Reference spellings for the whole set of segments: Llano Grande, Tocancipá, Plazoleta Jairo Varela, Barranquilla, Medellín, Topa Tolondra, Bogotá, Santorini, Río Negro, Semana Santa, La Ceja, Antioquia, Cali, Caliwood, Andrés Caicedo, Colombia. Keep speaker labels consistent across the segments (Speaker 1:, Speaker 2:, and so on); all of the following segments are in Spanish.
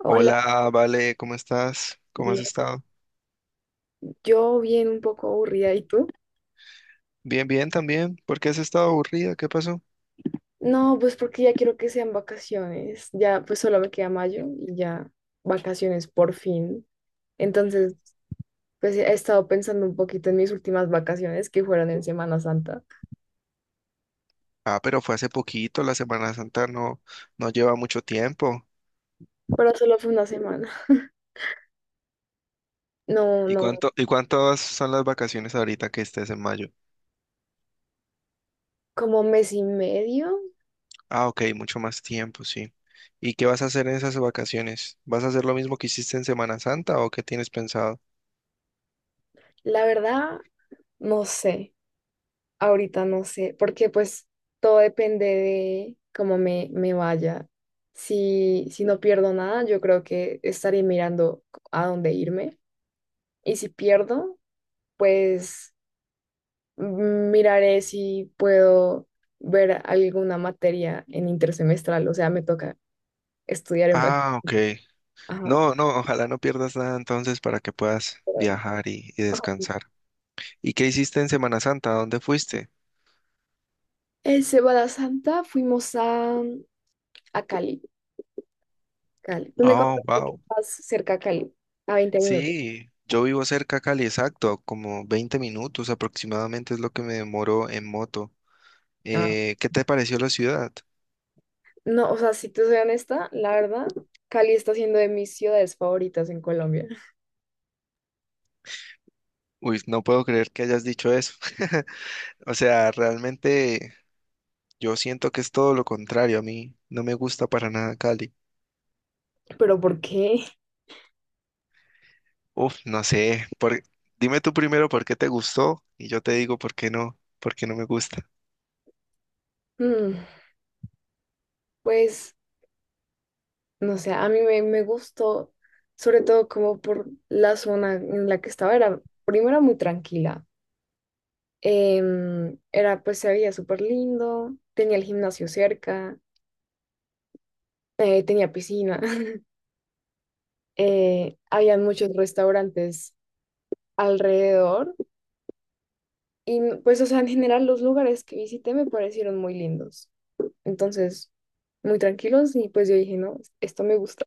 Speaker 1: Hola,
Speaker 2: Hola, Vale, ¿cómo estás? ¿Cómo has
Speaker 1: bien.
Speaker 2: estado?
Speaker 1: Yo bien un poco aburrida, ¿y tú?
Speaker 2: Bien, bien también. ¿Por qué has estado aburrida? ¿Qué pasó?
Speaker 1: No, pues porque ya quiero que sean vacaciones. Ya, pues solo me queda mayo y ya vacaciones por fin. Entonces, pues he estado pensando un poquito en mis últimas vacaciones que fueron en Semana Santa,
Speaker 2: Ah, pero fue hace poquito, la Semana Santa no, no lleva mucho tiempo.
Speaker 1: pero solo fue una semana. No,
Speaker 2: ¿Y
Speaker 1: no,
Speaker 2: cuánto, y cuántas son las vacaciones ahorita que estés en mayo?
Speaker 1: como mes y medio.
Speaker 2: Ah, ok, mucho más tiempo, sí. ¿Y qué vas a hacer en esas vacaciones? ¿Vas a hacer lo mismo que hiciste en Semana Santa o qué tienes pensado?
Speaker 1: La verdad, no sé. Ahorita no sé, porque pues todo depende de cómo me vaya. Si no pierdo nada, yo creo que estaré mirando a dónde irme. Y si pierdo, pues miraré si puedo ver alguna materia en intersemestral. O sea, me toca estudiar en...
Speaker 2: Ah, ok.
Speaker 1: Ajá.
Speaker 2: No, no, ojalá no pierdas nada entonces para que puedas
Speaker 1: pero-
Speaker 2: viajar y
Speaker 1: ajá.
Speaker 2: descansar. ¿Y qué hiciste en Semana Santa? ¿A dónde fuiste?
Speaker 1: En Semana Santa fuimos a Cali. Cali. Tú me
Speaker 2: Oh,
Speaker 1: contaste que
Speaker 2: wow.
Speaker 1: estás cerca a Cali, a 20 minutos.
Speaker 2: Sí, yo vivo cerca a Cali, exacto, como 20 minutos aproximadamente es lo que me demoro en moto. ¿Qué te pareció la ciudad?
Speaker 1: No, o sea, si te soy honesta, la verdad, Cali está siendo de mis ciudades favoritas en Colombia.
Speaker 2: Uy, no puedo creer que hayas dicho eso. O sea, realmente yo siento que es todo lo contrario. A mí no me gusta para nada Cali.
Speaker 1: ¿Pero por qué?
Speaker 2: Uf, no sé. Dime tú primero por qué te gustó y yo te digo por qué no me gusta.
Speaker 1: Mm, pues, no sé, a mí me gustó, sobre todo como por la zona en la que estaba. Era, primero, era muy tranquila. Era, pues, se veía súper lindo, tenía el gimnasio cerca, tenía piscina, habían muchos restaurantes alrededor. Y, pues, o sea, en general, los lugares que visité me parecieron muy lindos. Entonces, muy tranquilos y pues yo dije, no, esto me gusta.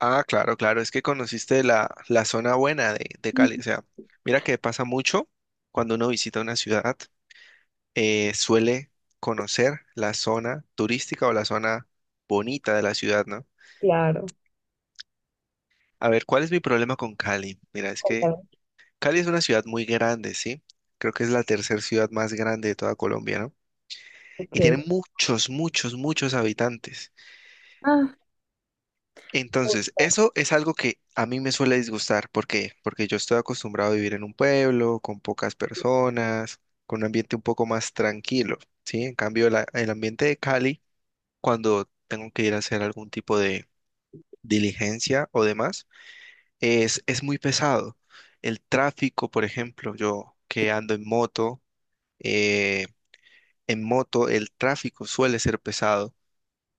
Speaker 2: Ah, claro, claro, es que conociste la zona buena de Cali. O sea, mira que pasa mucho cuando uno visita una ciudad. Suele conocer la zona turística o la zona bonita de la ciudad, ¿no?
Speaker 1: Claro,
Speaker 2: A ver, ¿cuál es mi problema con Cali? Mira, es que
Speaker 1: cuéntame.
Speaker 2: Cali es una ciudad muy grande, ¿sí? Creo que es la tercera ciudad más grande de toda Colombia, ¿no? Y tiene
Speaker 1: Ok.
Speaker 2: muchos, muchos, muchos habitantes.
Speaker 1: Ah,
Speaker 2: Entonces,
Speaker 1: justo.
Speaker 2: eso es algo que a mí me suele disgustar. ¿Por qué? Porque yo estoy acostumbrado a vivir en un pueblo, con pocas personas, con un ambiente un poco más tranquilo, ¿sí? En cambio, el ambiente de Cali cuando tengo que ir a hacer algún tipo de diligencia o demás, es muy pesado. El tráfico, por ejemplo, yo que ando eh, en moto el tráfico suele ser pesado.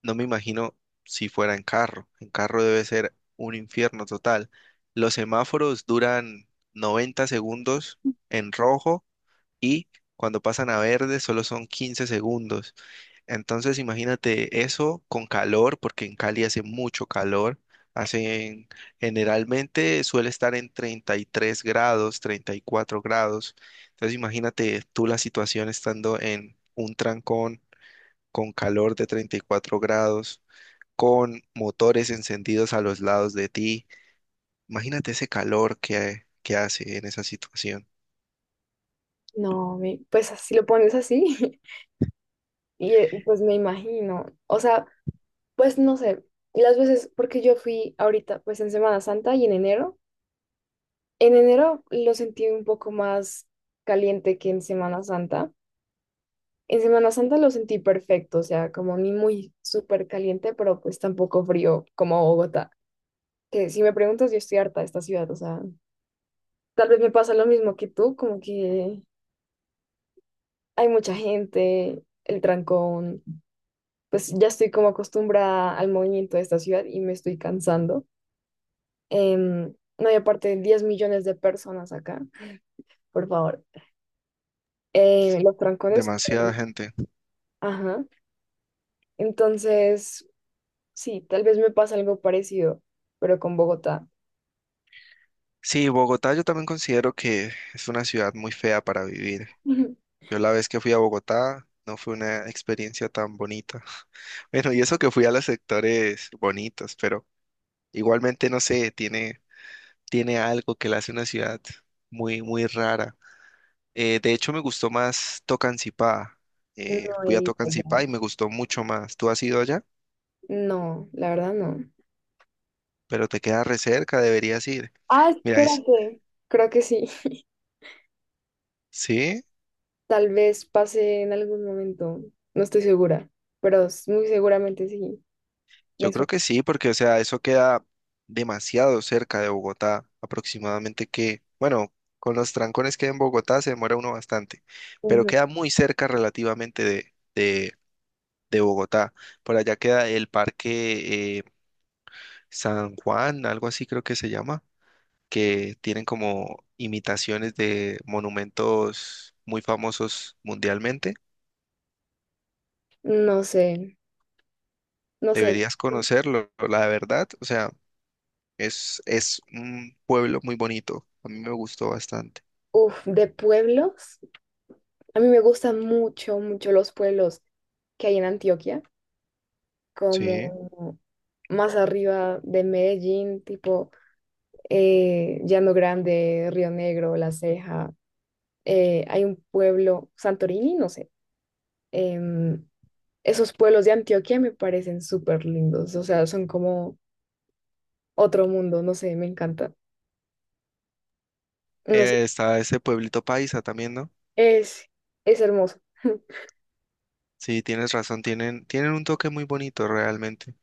Speaker 2: No me imagino si fuera en carro. En carro debe ser un infierno total. Los semáforos duran 90 segundos en rojo y cuando pasan a verde solo son 15 segundos. Entonces imagínate eso con calor, porque en Cali hace mucho calor. Hacen, generalmente suele estar en 33 grados, 34 grados. Entonces imagínate tú la situación estando en un trancón con calor de 34 grados, con motores encendidos a los lados de ti. Imagínate ese calor que hace en esa situación.
Speaker 1: No, pues así lo pones así y pues me imagino, o sea, pues no sé, las veces, porque yo fui ahorita, pues en Semana Santa y en enero lo sentí un poco más caliente que en Semana Santa. En Semana Santa lo sentí perfecto, o sea, como ni muy súper caliente, pero pues tampoco frío como Bogotá, que si me preguntas, yo estoy harta de esta ciudad, o sea, tal vez me pasa lo mismo que tú, como que hay mucha gente, el trancón, pues ya estoy como acostumbrada al movimiento de esta ciudad y me estoy cansando. No hay aparte de 10 millones de personas acá, por favor. Los trancones,
Speaker 2: Demasiada gente.
Speaker 1: ajá. Entonces, sí, tal vez me pasa algo parecido, pero con Bogotá.
Speaker 2: Sí, Bogotá yo también considero que es una ciudad muy fea para vivir. Yo la vez que fui a Bogotá no fue una experiencia tan bonita. Bueno, y eso que fui a los sectores bonitos, pero igualmente no sé, tiene algo que la hace una ciudad muy, muy rara. De hecho, me gustó más Tocancipá.
Speaker 1: No
Speaker 2: Eh,
Speaker 1: he
Speaker 2: fui a
Speaker 1: ido
Speaker 2: Tocancipá
Speaker 1: allá.
Speaker 2: y me gustó mucho más. Tú has ido allá,
Speaker 1: No, la verdad no.
Speaker 2: pero te queda re cerca, deberías ir.
Speaker 1: Ah,
Speaker 2: Mira, es,
Speaker 1: espérate. Creo que sí.
Speaker 2: ¿sí?
Speaker 1: Tal vez pase en algún momento, no estoy segura, pero muy seguramente sí.
Speaker 2: Yo
Speaker 1: Me
Speaker 2: creo
Speaker 1: suena.
Speaker 2: que sí, porque, o sea, eso queda demasiado cerca de Bogotá, aproximadamente que, bueno, con los trancones que hay en Bogotá se demora uno bastante, pero
Speaker 1: Ujú.
Speaker 2: queda muy cerca relativamente de Bogotá. Por allá queda el Parque San Juan, algo así creo que se llama, que tienen como imitaciones de monumentos muy famosos mundialmente.
Speaker 1: No sé, no sé.
Speaker 2: Deberías conocerlo, la verdad, o sea. Es un pueblo muy bonito. A mí me gustó bastante.
Speaker 1: Uf, de pueblos. A mí me gustan mucho, mucho los pueblos que hay en Antioquia,
Speaker 2: Sí.
Speaker 1: como más arriba de Medellín, tipo Llano Grande, Río Negro, La Ceja. Hay un pueblo, Santorini, no sé. em, Esos pueblos de Antioquia me parecen súper lindos, o sea, son como otro mundo, no sé, me encanta. No sé,
Speaker 2: Está ese pueblito paisa también, ¿no?
Speaker 1: es, es hermoso.
Speaker 2: Sí, tienes razón. Tienen un toque muy bonito realmente.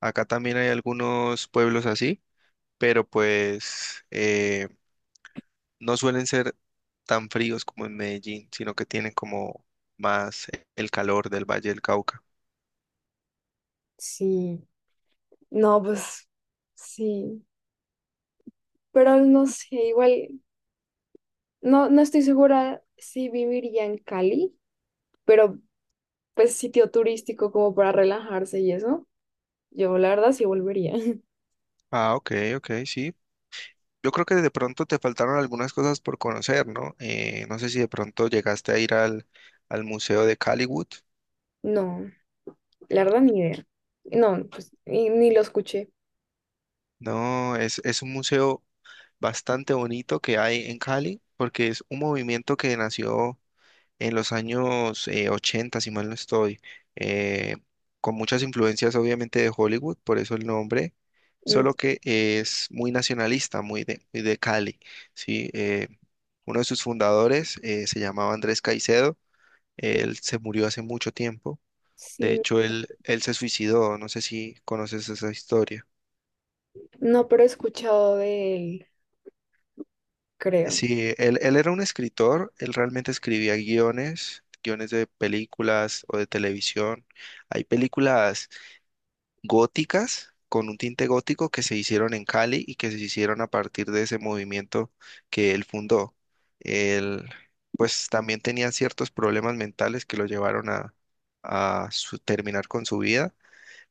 Speaker 2: Acá también hay algunos pueblos así, pero pues no suelen ser tan fríos como en Medellín, sino que tienen como más el calor del Valle del Cauca.
Speaker 1: Sí, no, pues sí, pero no sé, igual, no, no estoy segura si viviría en Cali, pero pues sitio turístico como para relajarse y eso, yo la verdad sí volvería.
Speaker 2: Ah, ok, ok, sí. Yo creo que de pronto te faltaron algunas cosas por conocer, ¿no? No sé si de pronto llegaste a ir al Museo de Caliwood.
Speaker 1: No, la verdad ni idea. No, pues ni lo escuché.
Speaker 2: No, es un museo bastante bonito que hay en Cali, porque es un movimiento que nació en los años 80, si mal no estoy, eh, con muchas influencias obviamente de Hollywood, por eso el nombre,
Speaker 1: Mm,
Speaker 2: solo que es muy nacionalista, muy de Cali, ¿sí? Uno de sus fundadores se llamaba Andrés Caicedo.
Speaker 1: mm,
Speaker 2: Él se murió hace mucho tiempo. De
Speaker 1: sí,
Speaker 2: hecho, él se suicidó. No sé si conoces esa historia.
Speaker 1: no, pero he escuchado de él,
Speaker 2: Eh,
Speaker 1: creo.
Speaker 2: Sí, él era un escritor. Él realmente escribía guiones de películas o de televisión. Hay películas góticas con un tinte gótico que se hicieron en Cali y que se hicieron a partir de ese movimiento que él fundó. Él, pues, también tenía ciertos problemas mentales que lo llevaron a terminar con su vida,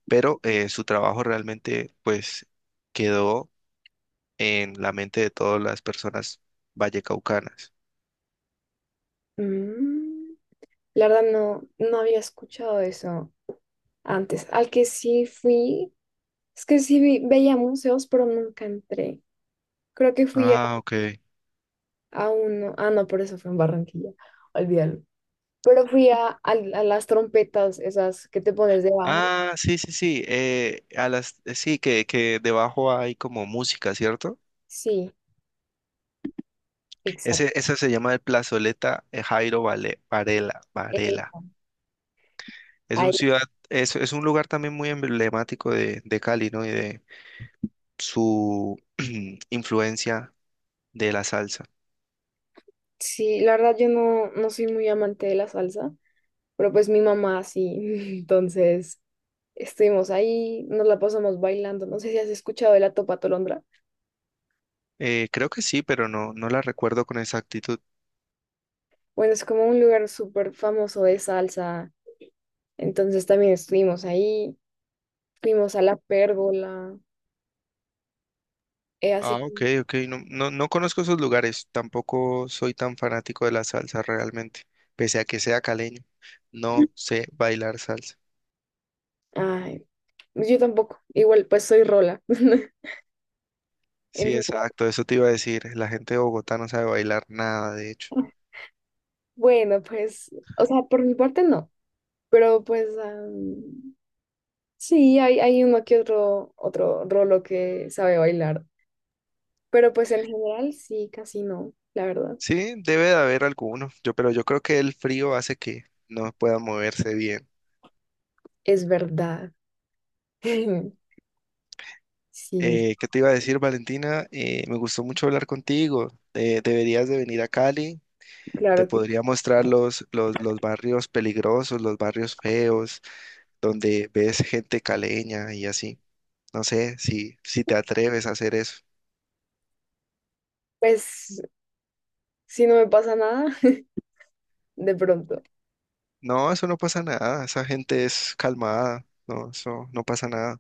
Speaker 2: pero su trabajo realmente pues quedó en la mente de todas las personas vallecaucanas.
Speaker 1: Mm, la verdad no había escuchado eso antes. Al que sí fui, es que sí veía museos, pero nunca entré. Creo que fui a,
Speaker 2: Ah, ok.
Speaker 1: a uno, ah, no, por eso fue en Barranquilla, olvídalo. Pero fui a las trompetas, esas que te pones debajo.
Speaker 2: Ah, sí, sí, sí. A las, sí, que debajo hay como música, ¿cierto?
Speaker 1: Sí,
Speaker 2: Ese,
Speaker 1: exacto.
Speaker 2: esa se llama el Plazoleta Jairo Vale- Varela,
Speaker 1: Eh,
Speaker 2: Varela. Es un
Speaker 1: Ahí,
Speaker 2: ciudad, es un lugar también muy emblemático de Cali, ¿no? Y de su influencia de la salsa.
Speaker 1: sí, la verdad yo no soy muy amante de la salsa, pero pues mi mamá sí, entonces estuvimos ahí, nos la pasamos bailando. No sé si has escuchado de la Topa Tolondra.
Speaker 2: Creo que sí, pero no la recuerdo con exactitud.
Speaker 1: Bueno, es como un lugar súper famoso de salsa. Entonces también estuvimos ahí, fuimos a la pérgola,
Speaker 2: Ah,
Speaker 1: así
Speaker 2: ok,
Speaker 1: como,
Speaker 2: ok. No, no, no conozco esos lugares. Tampoco soy tan fanático de la salsa realmente. Pese a que sea caleño, no sé bailar salsa.
Speaker 1: ay, pues, yo tampoco, igual pues soy rola. En
Speaker 2: Sí,
Speaker 1: general.
Speaker 2: exacto. Eso te iba a decir. La gente de Bogotá no sabe bailar nada, de hecho.
Speaker 1: Bueno, pues, o sea, por mi parte no, pero pues sí, hay uno que otro rolo que sabe bailar, pero pues en general sí, casi no, la verdad,
Speaker 2: Sí, debe de haber alguno. Pero yo creo que el frío hace que no pueda moverse bien.
Speaker 1: es verdad. Sí,
Speaker 2: ¿Qué te iba a decir, Valentina? Me gustó mucho hablar contigo. Deberías de venir a Cali. Te
Speaker 1: claro que,
Speaker 2: podría mostrar los barrios peligrosos, los barrios feos donde ves gente caleña y así. No sé si, te atreves a hacer eso.
Speaker 1: pues, si no me pasa nada, de pronto.
Speaker 2: No, eso no pasa nada. Esa gente es calmada. No, eso no pasa nada.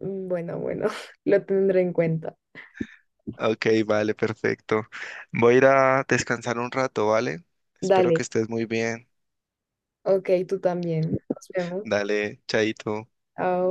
Speaker 1: Mm, bueno, bueno, lo tendré en cuenta.
Speaker 2: Ok, vale, perfecto. Voy a ir a descansar un rato, ¿vale? Espero que
Speaker 1: Dale,
Speaker 2: estés muy bien.
Speaker 1: ok, tú también. Nos vemos.
Speaker 2: Dale, chaito.
Speaker 1: Chao.